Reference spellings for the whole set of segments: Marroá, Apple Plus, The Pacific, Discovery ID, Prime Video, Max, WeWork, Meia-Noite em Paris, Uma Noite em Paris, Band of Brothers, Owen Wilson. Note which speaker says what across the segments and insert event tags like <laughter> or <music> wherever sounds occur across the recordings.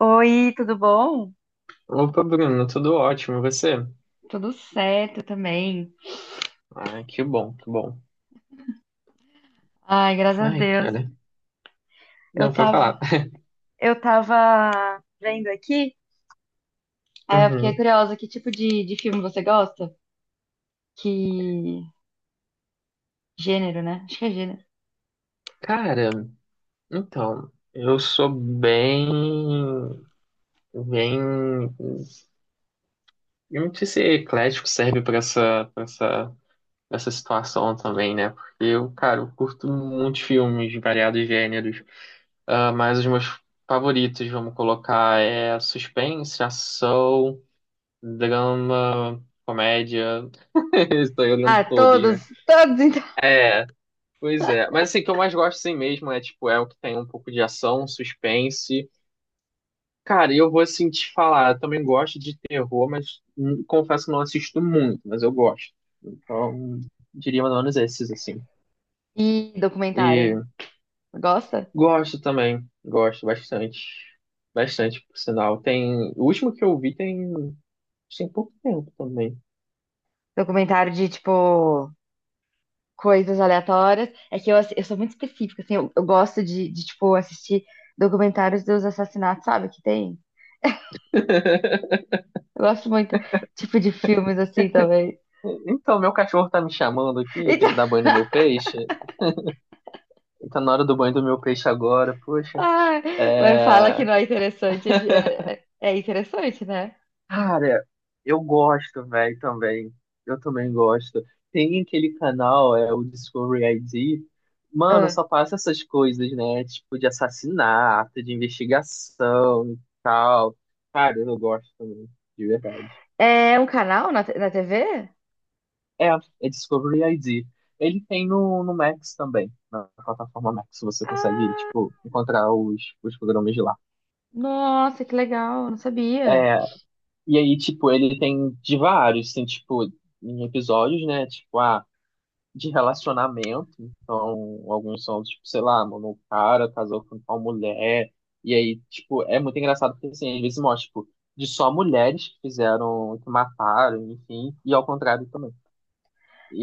Speaker 1: Oi, tudo bom?
Speaker 2: Opa, Bruno, tudo ótimo, e você?
Speaker 1: Tudo certo também.
Speaker 2: Ai, que bom, que bom.
Speaker 1: Ai, graças a
Speaker 2: Ai,
Speaker 1: Deus.
Speaker 2: cara,
Speaker 1: Eu
Speaker 2: não pra
Speaker 1: tava,
Speaker 2: falar. <laughs>
Speaker 1: eu tava vendo aqui, aí eu fiquei
Speaker 2: Uhum.
Speaker 1: curiosa, que tipo de filme você gosta? Que gênero, né? Acho que é gênero.
Speaker 2: Cara, então, eu sou bem, eu não sei se eclético serve pra essa situação também, né? Porque eu, cara, eu curto muitos filmes de variados gêneros. Ah, mas os meus favoritos, vamos colocar, é suspense, ação, drama, comédia. <laughs> Estou olhando
Speaker 1: Ah,
Speaker 2: todos,
Speaker 1: todos,
Speaker 2: né?
Speaker 1: todos então.
Speaker 2: É, pois é. Mas assim, o que eu mais gosto assim mesmo é, tipo, é o que tem um pouco de ação, suspense. Cara, eu vou assim te falar, eu também gosto de terror, mas confesso que não assisto muito, mas eu gosto. Então, diria mais ou menos esses, assim.
Speaker 1: E documentário.
Speaker 2: E
Speaker 1: Gosta?
Speaker 2: gosto também, gosto bastante. Bastante, por sinal. Tem. O último que eu vi tem. Tem pouco tempo também.
Speaker 1: Documentário de, tipo, coisas aleatórias. É que eu sou muito específica, assim, eu gosto tipo, assistir documentários dos assassinatos, sabe? Que tem.
Speaker 2: <laughs>
Speaker 1: Eu gosto muito, tipo, de filmes assim também.
Speaker 2: Então, meu cachorro tá me chamando aqui, eu tenho que dar
Speaker 1: <laughs>
Speaker 2: banho no meu peixe. Tá na hora do banho do meu peixe agora, poxa.
Speaker 1: Ah, mas fala que
Speaker 2: É,
Speaker 1: não é interessante. É interessante, né?
Speaker 2: cara, eu gosto, velho, também. Eu também gosto. Tem aquele canal, é o Discovery ID. Mano,
Speaker 1: Ah.
Speaker 2: só passa essas coisas, né? Tipo, de assassinato, de investigação e tal. Cara, eu gosto também, de verdade.
Speaker 1: É um canal na na TV?
Speaker 2: É, é, Discovery ID. Ele tem no Max também. Na plataforma Max você consegue,
Speaker 1: Ah,
Speaker 2: tipo, encontrar os programas de lá.
Speaker 1: nossa, que legal, não sabia.
Speaker 2: É. E aí, tipo, ele tem de vários, tem, tipo, em episódios, né? Tipo, ah, de relacionamento. Então, alguns são, tipo, sei lá, mano, o cara casou com tal mulher. E aí, tipo, é muito engraçado porque, assim, às vezes mostra, tipo, de só mulheres que fizeram, que mataram, enfim, e ao contrário também.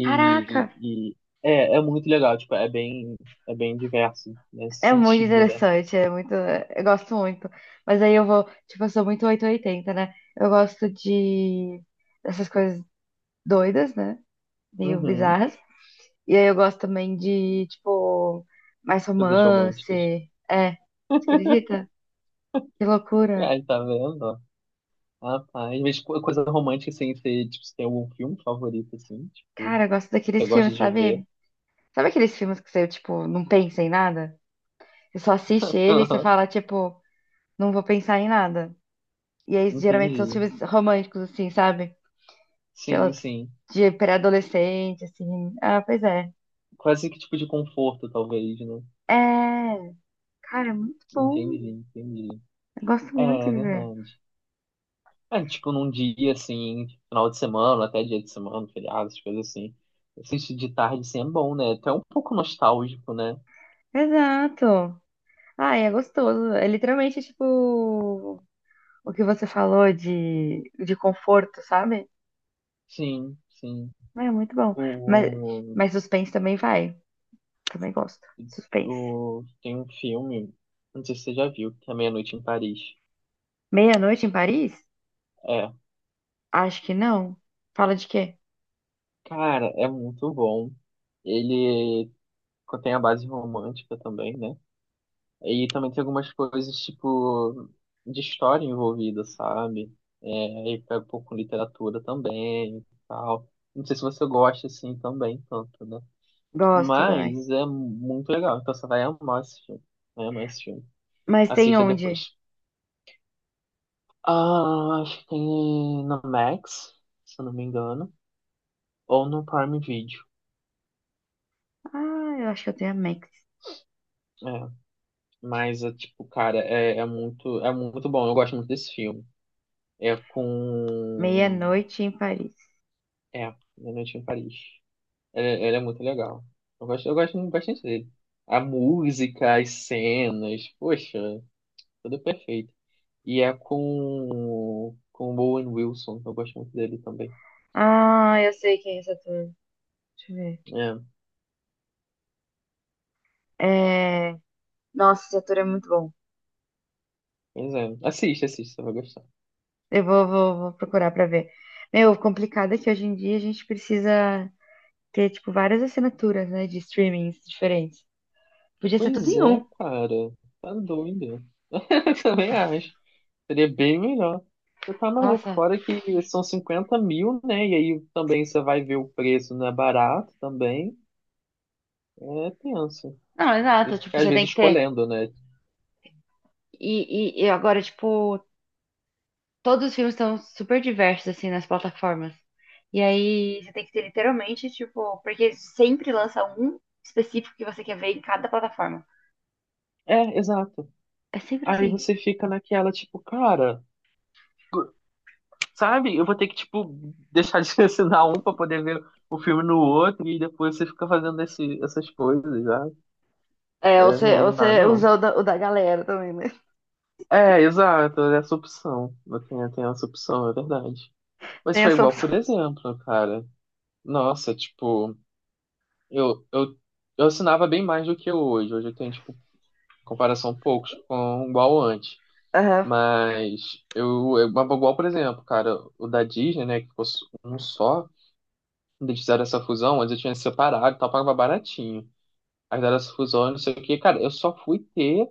Speaker 1: Caraca,
Speaker 2: e é, é muito legal, tipo, é bem diverso nesse
Speaker 1: é muito
Speaker 2: sentido, né?
Speaker 1: interessante, é muito, eu gosto muito. Mas aí eu vou, tipo, eu sou muito 880, né? Eu gosto de dessas coisas doidas, né? Meio
Speaker 2: Uhum,
Speaker 1: bizarras. E aí eu gosto também de, tipo, mais
Speaker 2: coisas
Speaker 1: romance.
Speaker 2: românticas.
Speaker 1: É, você acredita? Que loucura.
Speaker 2: Ai, tá vendo? Ah, tá. Rapaz, mas coisa romântica, assim, você, tipo, você tem algum filme favorito, assim, tipo,
Speaker 1: Cara, eu gosto
Speaker 2: você
Speaker 1: daqueles
Speaker 2: gosta
Speaker 1: filmes,
Speaker 2: de ver?
Speaker 1: sabe? Sabe aqueles filmes que você, tipo, não pensa em nada? Você só assiste ele e você
Speaker 2: Aham.
Speaker 1: fala, tipo, não vou pensar em nada. E aí, geralmente, são
Speaker 2: Entendi.
Speaker 1: os filmes românticos, assim, sabe?
Speaker 2: Sim,
Speaker 1: Aquelas
Speaker 2: sim.
Speaker 1: de pré-adolescente, assim. Ah, pois é.
Speaker 2: Quase que tipo de conforto, talvez, né?
Speaker 1: É, cara, é muito bom.
Speaker 2: Entendi, entendi.
Speaker 1: Eu gosto
Speaker 2: É,
Speaker 1: muito
Speaker 2: é
Speaker 1: de ver.
Speaker 2: verdade. É, tipo, num dia, assim, final de semana, até dia de semana, feriados, coisas assim. Assistir de tarde, assim, é bom, né? Até um pouco nostálgico, né?
Speaker 1: Exato. Ah, é gostoso. É literalmente, tipo, o que você falou de conforto, sabe?
Speaker 2: Sim, sim.
Speaker 1: É muito bom. Mas,
Speaker 2: O,
Speaker 1: mas suspense também vai. Também gosto. Suspense.
Speaker 2: tem um filme, não sei se você já viu, que é Meia-Noite em Paris.
Speaker 1: Meia-noite em Paris?
Speaker 2: é
Speaker 1: Acho que não. Fala de quê?
Speaker 2: Cara, é muito bom. Ele tem a base romântica também, né? E também tem algumas coisas, tipo, de história envolvida, sabe? É, e pega um pouco com literatura também e tal. Não sei se você gosta, assim, também, tanto, né?
Speaker 1: Gosto também.
Speaker 2: Mas é muito legal, então você vai amar esse filme. Vai amar esse filme.
Speaker 1: Mas tem
Speaker 2: Assista
Speaker 1: onde?
Speaker 2: depois. Ah, acho que tem na Max, se eu não me engano, ou no Prime Video.
Speaker 1: Ah, eu acho que eu tenho a Max.
Speaker 2: É. Mas, é, tipo, cara, é muito bom. Eu gosto muito desse filme. É com.
Speaker 1: Meia-noite em Paris.
Speaker 2: É, Uma Noite em Paris. Ele é muito legal. Eu gosto muito bastante dele. A música, as cenas, poxa, tudo perfeito. E é com. Com o Owen Wilson. Eu gosto muito dele também.
Speaker 1: Ah, eu sei quem é esse ator. Deixa eu ver.
Speaker 2: É,
Speaker 1: É... Nossa, esse ator é muito bom.
Speaker 2: pois é. Assiste, assiste, você vai gostar.
Speaker 1: Eu vou, vou procurar pra ver. Meu, o complicado é que hoje em dia a gente precisa ter, tipo, várias assinaturas, né, de streamings diferentes. Podia ser tudo
Speaker 2: Pois
Speaker 1: em
Speaker 2: é,
Speaker 1: um.
Speaker 2: cara. Tá doido. <laughs> Eu também acho. Seria bem melhor. Você tá maluco,
Speaker 1: Nossa.
Speaker 2: fora que são 50 mil, né? E aí também você vai ver o preço, não é barato também. É tenso.
Speaker 1: Não, exato.
Speaker 2: Isso fica,
Speaker 1: Tipo,
Speaker 2: às
Speaker 1: você tem
Speaker 2: vezes
Speaker 1: que ter.
Speaker 2: escolhendo, né?
Speaker 1: E agora, tipo, todos os filmes estão super diversos, assim, nas plataformas. E aí você tem que ter literalmente, tipo, porque sempre lança um específico que você quer ver em cada plataforma.
Speaker 2: É, exato.
Speaker 1: É sempre
Speaker 2: Aí
Speaker 1: assim.
Speaker 2: você fica naquela, tipo, cara, sabe? Eu vou ter que, tipo, deixar de <laughs> assinar um pra poder ver o filme no outro e depois você fica fazendo esse, essas coisas, sabe?
Speaker 1: É,
Speaker 2: É,
Speaker 1: você,
Speaker 2: não, não dá,
Speaker 1: você
Speaker 2: não.
Speaker 1: usa o da galera também, né?
Speaker 2: É, exato, essa opção. Eu tenho essa opção, é verdade. Mas
Speaker 1: Tem
Speaker 2: foi
Speaker 1: essa
Speaker 2: igual,
Speaker 1: opção.
Speaker 2: por exemplo, cara. Nossa, tipo, eu, eu, eu assinava bem mais do que eu hoje. Hoje eu tenho, tipo, comparação poucos com igual antes.
Speaker 1: Aham,
Speaker 2: Mas igual, por exemplo, cara, o da Disney, né, que ficou um só, quando eles fizeram essa fusão, antes eu tinha separado e tal, pagava baratinho. Aí fizeram essa fusão, não sei o que cara, eu só fui ter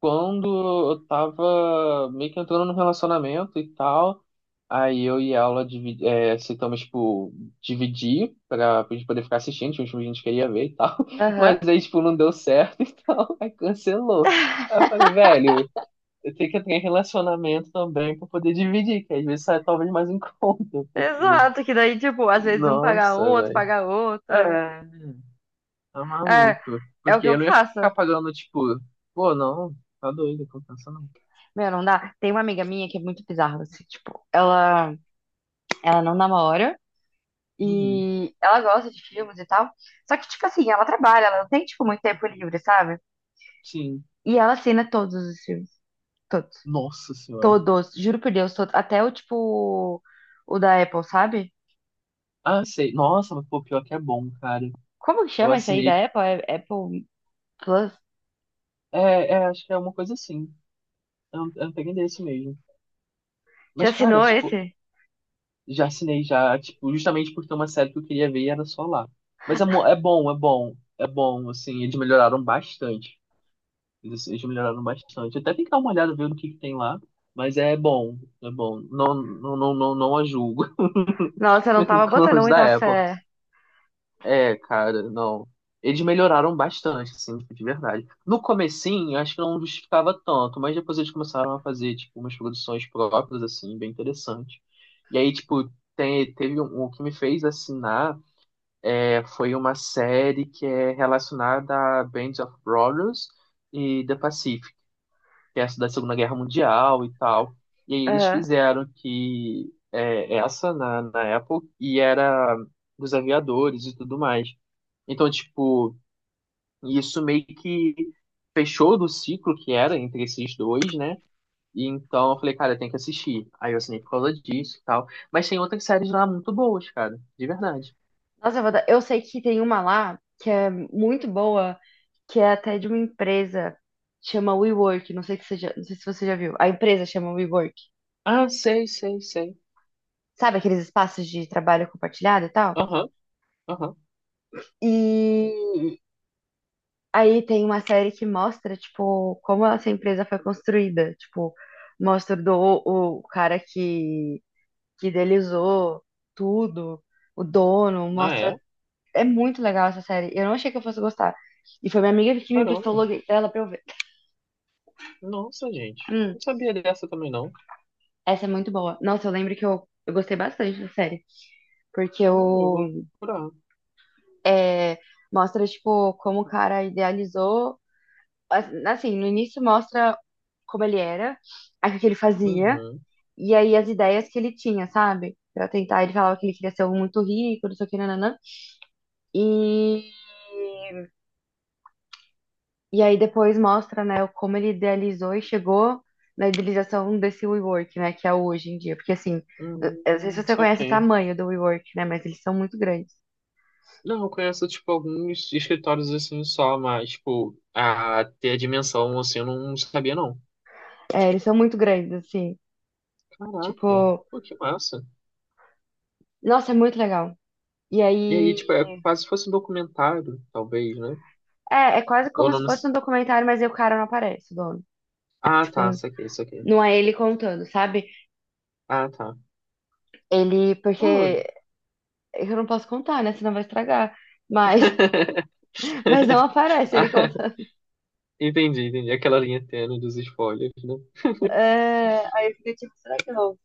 Speaker 2: quando eu tava meio que entrando no relacionamento e tal, aí eu e ela aceitamos, tipo, dividir pra gente poder ficar assistindo, tinha uns filmes que a gente queria ver e tal, <laughs>
Speaker 1: aham.
Speaker 2: mas aí, tipo, não deu certo <laughs> e tal, aí cancelou. Aí eu falei, velho, eu tenho que entrar em relacionamento também pra poder dividir, que às vezes sai talvez mais em <laughs> conta, porque,
Speaker 1: Exato, que daí, tipo, às vezes um paga um,
Speaker 2: nossa,
Speaker 1: outro,
Speaker 2: velho.
Speaker 1: paga outro.
Speaker 2: É, tá
Speaker 1: É,
Speaker 2: maluco.
Speaker 1: é o
Speaker 2: Porque
Speaker 1: que eu
Speaker 2: eu não ia
Speaker 1: faço.
Speaker 2: ficar pagando, tipo, pô, não, tá doido, compensa não.
Speaker 1: Meu, não dá. Tem uma amiga minha que é muito bizarra, assim, tipo, ela não namora.
Speaker 2: Uhum.
Speaker 1: E ela gosta de filmes e tal. Só que, tipo assim, ela trabalha, ela não tem, tipo, muito tempo livre, sabe?
Speaker 2: Sim.
Speaker 1: E ela assina todos os filmes. Todos.
Speaker 2: Nossa senhora.
Speaker 1: Todos. Juro por Deus, todos. Até o, tipo, o da Apple, sabe?
Speaker 2: Ah, sei. Nossa, mas pô, pior que é bom, cara.
Speaker 1: Como que
Speaker 2: Eu
Speaker 1: chama esse aí
Speaker 2: assinei.
Speaker 1: da Apple? É Apple Plus?
Speaker 2: É, é, acho que é uma coisa assim. Eu não peguei desse mesmo.
Speaker 1: Você
Speaker 2: Mas, cara,
Speaker 1: assinou
Speaker 2: tipo,
Speaker 1: esse?
Speaker 2: já assinei já, tipo, justamente porque uma série que eu queria ver e era só lá. Mas é bom, é bom. É bom, assim, eles melhoraram bastante. Eles melhoraram bastante. Até tem que dar uma olhada, ver o que que tem lá. Mas é bom, é bom. Não, não, não, não, não a julgo. <laughs>
Speaker 1: Nossa, eu não tava
Speaker 2: Como
Speaker 1: botando
Speaker 2: os
Speaker 1: muita
Speaker 2: da Apple.
Speaker 1: fé.
Speaker 2: É, cara, não. Eles melhoraram bastante, assim, tipo, de verdade. No comecinho, eu acho que não justificava tanto, mas depois eles começaram a fazer, tipo, umas produções próprias, assim, bem interessantes. E aí, tipo, tem, teve um, o que me fez assinar foi uma série que é relacionada a Band of Brothers e The Pacific, que é essa da Segunda Guerra Mundial e tal. E aí eles
Speaker 1: Aham.
Speaker 2: fizeram essa na Apple e era dos aviadores e tudo mais. Então, tipo, isso meio que fechou do ciclo que era entre esses dois, né? E então eu falei, cara, tem que assistir. Aí eu assinei por causa disso e tal. Mas tem outras séries lá muito boas, cara. De verdade.
Speaker 1: Nossa, eu sei que tem uma lá que é muito boa, que é até de uma empresa, chama WeWork. Não sei que você já- Não sei se você já viu. A empresa chama WeWork.
Speaker 2: Ah, sei, sei, sei.
Speaker 1: Sabe, aqueles espaços de trabalho compartilhado e tal.
Speaker 2: Aham, aham.
Speaker 1: E aí tem uma série que mostra, tipo, como essa empresa foi construída. Tipo, mostra do, o cara que idealizou tudo, o dono,
Speaker 2: Ah, é?
Speaker 1: mostra. É muito legal essa série. Eu não achei que eu fosse gostar. E foi minha amiga que me emprestou o
Speaker 2: Caramba.
Speaker 1: logo dela pra eu ver.
Speaker 2: Nossa, gente.
Speaker 1: Hum,
Speaker 2: Não sabia dessa também, não.
Speaker 1: essa é muito boa. Nossa, eu lembro que eu gostei bastante da série. Porque
Speaker 2: Ah, eu vou
Speaker 1: eu,
Speaker 2: procurar.
Speaker 1: é, mostra, tipo, como o cara idealizou. Assim, no início mostra como ele era, aí o que ele fazia,
Speaker 2: Uhum.
Speaker 1: e aí as ideias que ele tinha, sabe? Pra tentar, ele falava que ele queria ser um muito rico, não sei o que, nananã. E, e aí depois mostra, né, como ele idealizou e chegou na idealização desse WeWork, né, que é hoje em dia. Porque, assim, eu não sei se você conhece o
Speaker 2: Saquei.
Speaker 1: tamanho do WeWork, né, mas eles são muito grandes.
Speaker 2: Não, eu conheço, tipo, alguns escritórios assim só, mas, tipo, a ter a dimensão assim eu não sabia, não.
Speaker 1: É, eles são muito grandes, assim.
Speaker 2: Caraca,
Speaker 1: Tipo,
Speaker 2: pô, que massa.
Speaker 1: nossa, é muito legal. E
Speaker 2: E aí,
Speaker 1: aí.
Speaker 2: tipo, é quase se fosse um documentário, talvez, né?
Speaker 1: É, é quase
Speaker 2: Ou
Speaker 1: como
Speaker 2: não,
Speaker 1: se fosse um documentário, mas aí o cara não aparece, o dono.
Speaker 2: ah,
Speaker 1: Tipo,
Speaker 2: tá, saquei, saquei.
Speaker 1: não é ele contando, sabe?
Speaker 2: Ah, tá.
Speaker 1: Ele,
Speaker 2: Pô.
Speaker 1: porque eu não posso contar, né? Senão vai estragar. Mas,
Speaker 2: <laughs>
Speaker 1: <laughs> mas não aparece ele
Speaker 2: Ah,
Speaker 1: contando.
Speaker 2: entendi, entendi. Aquela linha tênue dos spoilers, né?
Speaker 1: É, aí eu fiquei tipo, será que eu não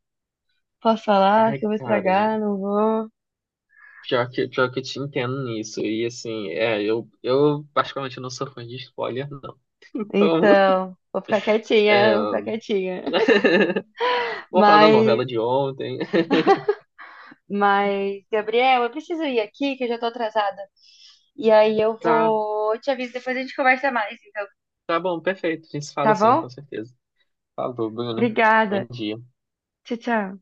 Speaker 1: posso falar?
Speaker 2: Ai,
Speaker 1: Que eu vou
Speaker 2: cara,
Speaker 1: estragar? Não vou.
Speaker 2: pior que eu te entendo nisso. E assim, é, eu particularmente não sou fã de spoiler, não. Então,
Speaker 1: Então, vou ficar
Speaker 2: é.
Speaker 1: quietinha, vou ficar quietinha. <laughs>
Speaker 2: <laughs> Vamos falar da
Speaker 1: Mas
Speaker 2: novela de ontem. <laughs>
Speaker 1: Mas, Gabriel, eu preciso ir aqui, que eu já tô atrasada. E aí eu
Speaker 2: Tá,
Speaker 1: vou. Eu te aviso, depois a gente conversa mais, então.
Speaker 2: tá bom, perfeito. A gente se fala
Speaker 1: Tá
Speaker 2: assim,
Speaker 1: bom?
Speaker 2: com certeza. Falou, Bruno. Bom
Speaker 1: Obrigada.
Speaker 2: dia.
Speaker 1: Tchau, tchau.